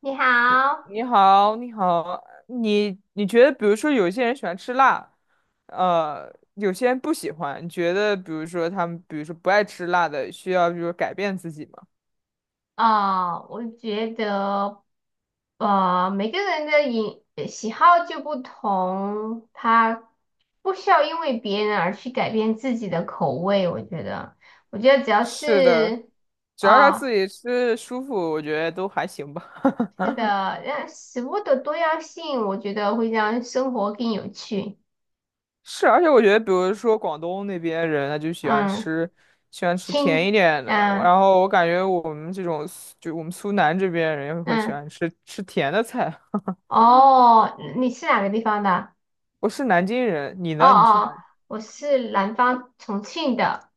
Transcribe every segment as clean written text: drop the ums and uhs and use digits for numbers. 你好。你好，你好，你觉得，比如说，有些人喜欢吃辣，有些人不喜欢，你觉得，比如说他们，比如说不爱吃辣的，需要就是改变自己吗？哦，我觉得，每个人的喜好就不同，他不需要因为别人而去改变自己的口味。我觉得只要是的，是只要他自啊、己吃舒服，我觉得都还行吧。是的，让食物的多样性，我觉得会让生活更有趣。是，而且我觉得，比如说广东那边人，他就喜欢嗯，吃，喜欢吃甜一亲。点的。嗯然后我感觉我们这种，就我们苏南这边人会喜嗯，欢吃甜的菜。哦，你是哪个地方的？我是南京人，你哦呢？你是哪？哦，我是南方重庆的。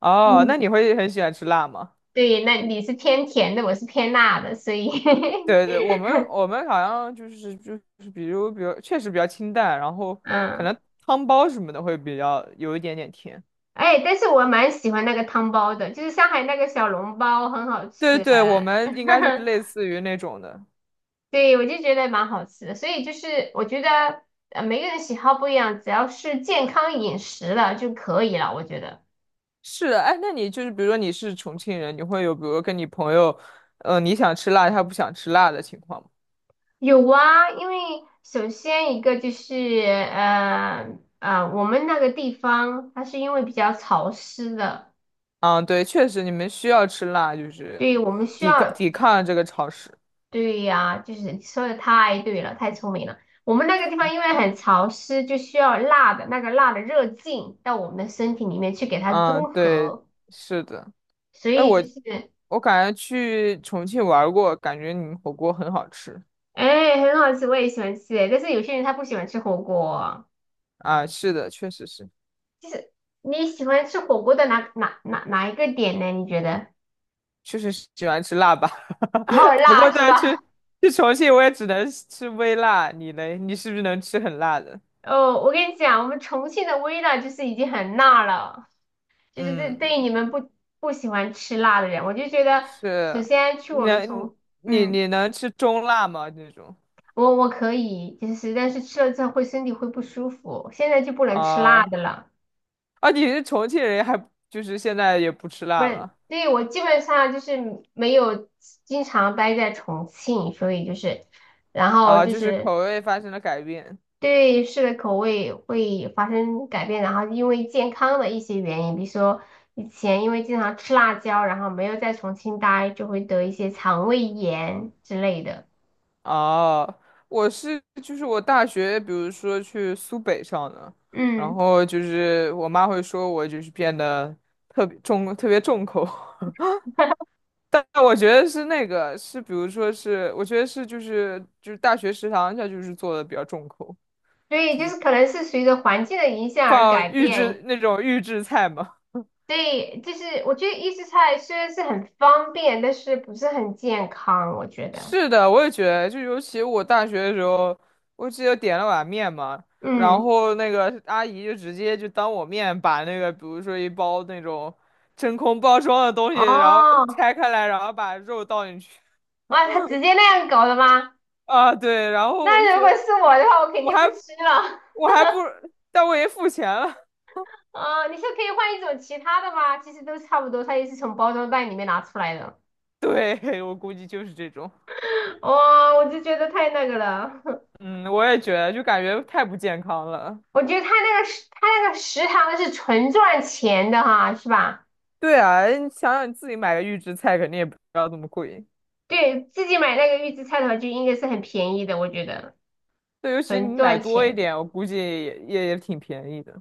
哦，那嗯，你会很喜欢吃辣吗？对，那你是偏甜的，我是偏辣的，所以 对对，我们好像就是比如确实比较清淡，然后可嗯，能汤包什么的会比较有一点点甜。哎，但是我蛮喜欢那个汤包的，就是上海那个小笼包很好对吃。对，我们应该就是类 似于那种的。对，我就觉得蛮好吃的，所以我觉得每个人喜好不一样，只要是健康饮食了就可以了，我觉得是的，哎，那你就是比如说你是重庆人，你会有比如说跟你朋友，你想吃辣，他不想吃辣的情况吗？有啊。因为首先一个就是我们那个地方它是因为比较潮湿的。啊，对，确实你们需要吃辣，就是对，我们需抵抗要。抵抗这个潮湿。对呀，就是你说的太对了，太聪明了。我们那个地方因为很潮湿，就需要辣的热劲到我们的身体里面去给它嗯，中对，和，是的。所哎，以我就是。我感觉去重庆玩儿过，感觉你们火锅很好吃哎，很好吃，我也喜欢吃。但是有些人他不喜欢吃火锅。啊。是的，确实是，你喜欢吃火锅的哪一个点呢？你觉得？确实是喜欢吃辣吧。哦，不过辣是再去吧？去重庆，我也只能吃微辣。你嘞？你是不是能吃很辣的？哦，我跟你讲，我们重庆的微辣就是已经很辣了。就是这对嗯，于你们不喜欢吃辣的人，我就觉得首是。先去我们能重。你嗯。你能吃中辣吗？这种我可以，就是但是吃了之后身体会不舒服，现在就不能吃辣啊的了。啊，你是重庆人还就是现在也不吃不辣然，了对，我基本上就是没有经常待在重庆，所以然后啊？就就是是口味发生了改变。对吃的口味会发生改变，然后因为健康的一些原因，比如说以前因为经常吃辣椒，然后没有在重庆待，就会得一些肠胃炎之类的。啊，我是就是我大学，比如说去苏北上的，然嗯，后就是我妈会说我就是变得特别重口但我觉得是那个是，比如说是，我觉得是就是大学食堂它就是做的比较重口，所以就就是是可能是随着环境的影响而放改预变。制那种预制菜嘛。对，就是我觉得预制菜虽然是很方便，但是不是很健康，我觉得。是的，我也觉得，就尤其我大学的时候，我记得点了碗面嘛，然嗯，后那个阿姨就直接就当我面把那个，比如说一包那种真空包装的东西，然后哦。拆开来，然后把肉倒进去。哇，他直接那样搞的吗？啊，对，然后我就那如觉果得是我的话，我肯我定不还吃了。我还不，但我也付钱了。你是可以换一种其他的吗？其实都差不多，它也是从包装袋里面拿出来的。对，我估计就是这种。我就觉得太那个了。嗯，我也觉得，就感觉太不健康了。我觉得他那个食堂是纯赚钱的哈，是吧？对啊，你想想你自己买个预制菜，肯定也不要这么贵。对，自己买那个预制菜的话，就应该是很便宜的，我觉得对，尤其很你买赚多一钱。点，我估计也挺便宜的。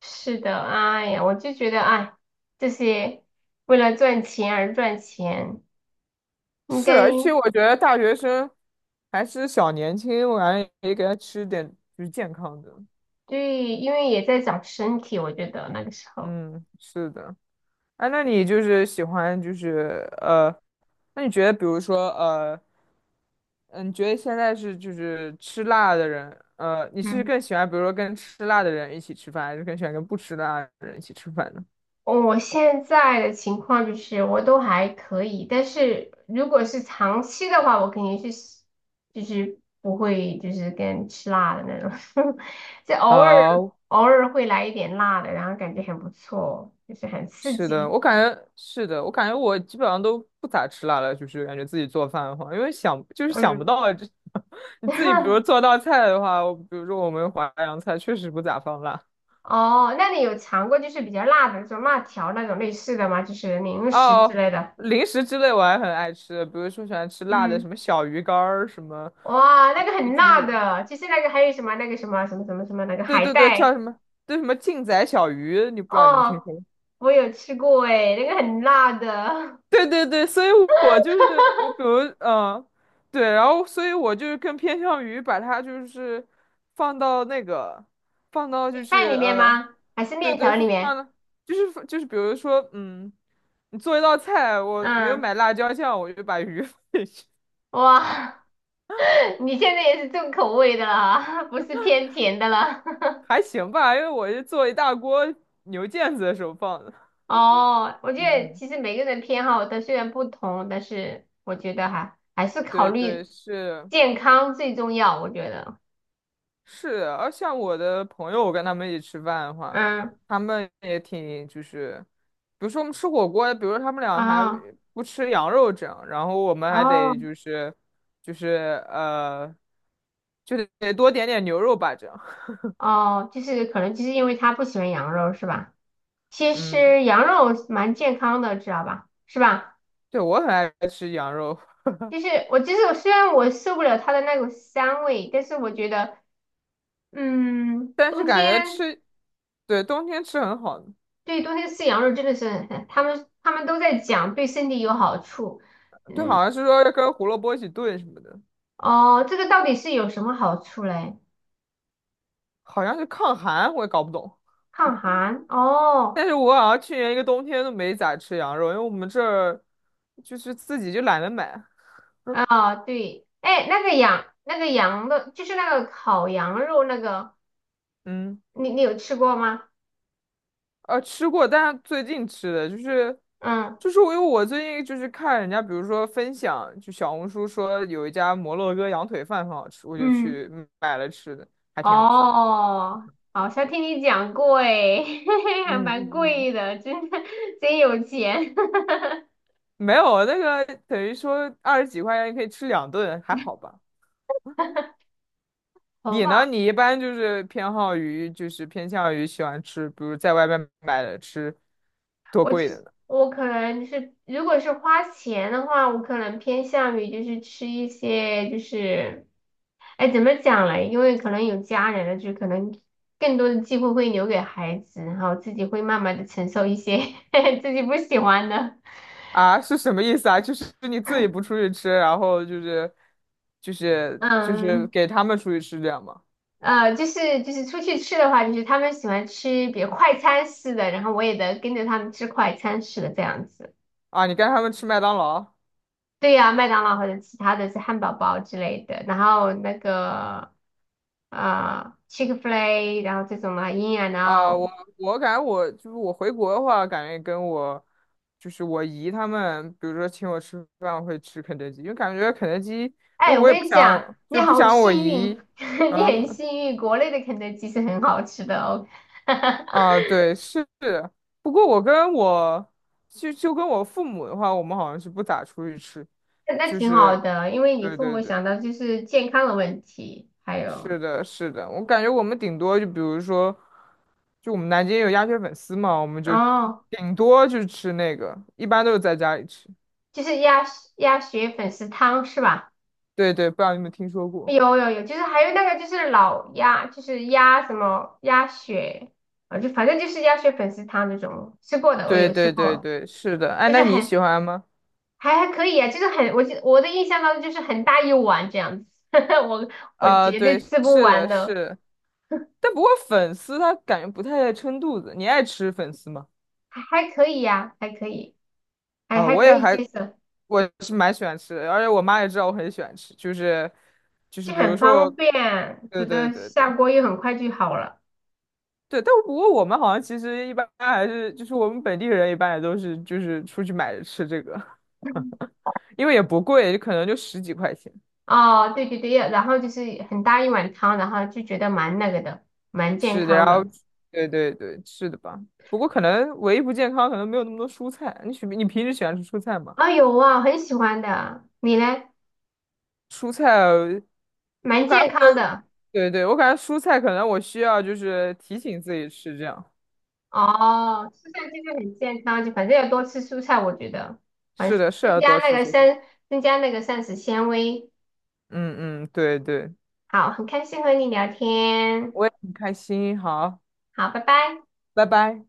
是的。哎呀，我就觉得，哎，这些为了赚钱而赚钱，应是，该。而且我觉得大学生还是小年轻，我感觉也给他吃点就是健康的。对，因为也在长身体，我觉得那个时候。嗯，是的。哎、那你就是喜欢就是那你觉得比如说嗯，你觉得现在是就是吃辣的人，你是嗯，更喜欢比如说跟吃辣的人一起吃饭，还是更喜欢跟不吃辣的人一起吃饭呢？我现在的情况就是我都还可以，但是如果是长期的话，我肯定是不会跟吃辣的那种。就偶尔啊、偶尔会来一点辣的，然后感觉很不错，就是很刺是的，激。我感觉是的，我感觉我基本上都不咋吃辣了，就是感觉自己做饭的话，因为想就是想不嗯，到这 你自己比如 做道菜的话，我比如说我们淮扬菜确实不咋放辣哦，那你有尝过就是比较辣的，那种辣条那种类似的吗？就是零食之哦。类的。零食之类我还很爱吃，比如说喜欢吃辣的，嗯，什么小鱼干儿，什么哇，那个很就辣是的，其实那个还有什么那个什么什么什么什么那个对海对对，叫带。什么对什么劲仔小鱼，你不知道你们听哦，说过？我有吃过诶，那个很辣的。对对对，所以我就是我，比如对，然后所以我就是更偏向于把它就是放到那个放到就 饭是里面吗？还是对面对，条里放放面？到就是比如说你做一道菜，我没有嗯，买辣椒酱，我就把鱼 放进去，哇。你现在也是重口味的了啊，不是偏甜的了。还行吧，因为我是做一大锅牛腱子的时候放的。哦，我觉得嗯，其实每个人偏好它虽然不同，但是我觉得哈还是考对对虑是，健康最重要。我觉得。是的，而像我的朋友，我跟他们一起吃饭的话，嗯，他们也挺就是，比如说我们吃火锅，比如说他们俩还啊。不吃羊肉这样，然后我们还哦。得就是就得多点点牛肉吧这样。哦，就是可能就是因为他不喜欢羊肉是吧？其嗯，实羊肉蛮健康的，知道吧？是吧？对，我很爱吃羊肉，就是我虽然我受不了它的那股膻味，但是我觉得，嗯，但是冬感觉天。吃，对，冬天吃很好，对，冬天吃羊肉真的是很，他们都在讲对身体有好处。对，嗯，好像是说要跟胡萝卜一起炖什么的，哦，这个到底是有什么好处嘞？好像是抗寒，我也搞不懂。抗寒 哦。但是我好像去年一个冬天都没咋吃羊肉，因为我们这儿就是自己就懒得买。对，哎，那个羊的，就是那个烤羊肉那个，嗯，你你有吃过吗？吃过，但是最近吃的就是，嗯就是我因为我最近就是看人家，比如说分享，就小红书说有一家摩洛哥羊腿饭很好吃，我就嗯。去买了吃的，还挺好吃的哦，好像听你讲过哎。还嗯蛮嗯嗯。贵的，真的真有钱。没有那个等于说二十几块钱可以吃两顿，还好吧？好你呢？吧。你一般就是偏好于，就是偏向于喜欢吃，比如在外面买的吃，多贵的呢？我可能就是，如果是花钱的话，我可能偏向于就是吃一些就是，哎，怎么讲嘞？因为可能有家人了，就可能更多的机会会留给孩子，然后自己会慢慢的承受一些 自己不喜欢的。啊，是什么意思啊？就是你自己不出去吃，然后就是嗯，给他们出去吃这样吗？就是出去吃的话，就是他们喜欢吃比如快餐式的，然后我也得跟着他们吃快餐式的这样子。啊，你跟他们吃麦当劳？对呀，麦当劳或者其他的是汉堡包之类的，然后那个。Chick-fil-A,然后这种的 In and 啊，Out。我感觉我就是我回国的话，感觉跟我就是我姨他们，比如说请我吃饭，我会吃肯德基，因为感觉肯德基，因为哎，我我也不跟你讲，想你就不好想我幸运，姨，你很嗯。幸运，国内的肯德基是很好吃的哦。啊，对，是。不过我跟我就就跟我父母的话，我们好像是不咋出去吃，那就挺好是，的，因为你对父对母对，想到就是健康的问题，还有。是的，是的。我感觉我们顶多就比如说，就我们南京有鸭血粉丝嘛，我们就哦，顶多就吃那个，一般都是在家里吃。就是鸭血粉丝汤是吧？对对，不知道你有没有听说过？有有有，就是还有那个就是老鸭，就是鸭什么鸭血，啊，就反正就是鸭血粉丝汤那种，吃过的，我对有吃对对过，对，是的。哎，就那是你很喜欢吗？还还可以啊，就是很，我的印象当中就是很大一碗这样子。我我啊，绝对，对吃不是完的，是的。的。但不过粉丝它感觉不太撑肚子，你爱吃粉丝吗？还可以呀、还可以，还啊，还我可也以还，接受，我是蛮喜欢吃的，而且我妈也知道我很喜欢吃，就是就比很如说我，方便，觉对对得对对下锅又很快就好了。对，但不过我们好像其实一般还是就是我们本地人一般也都是就是出去买着吃这个，因为也不贵，可能就十几块钱。哦，对对对，然后就是很大一碗汤，然后就觉得蛮那个的，蛮健是的，然康后的。对对对，是的吧？不过可能唯一不健康可能没有那么多蔬菜，你平时喜欢吃蔬菜吗？有啊，很喜欢的。你呢？蔬菜，我蛮感健觉康的。对对对，我感觉蔬菜可能我需要就是提醒自己吃这样。哦，蔬菜其实很健康，就反正要多吃蔬菜，我觉得。反是正的，是要多吃蔬菜。增加那个膳食纤维。嗯嗯，对对，好，很开心和你聊天。我也很开心。好，好，拜拜。拜拜。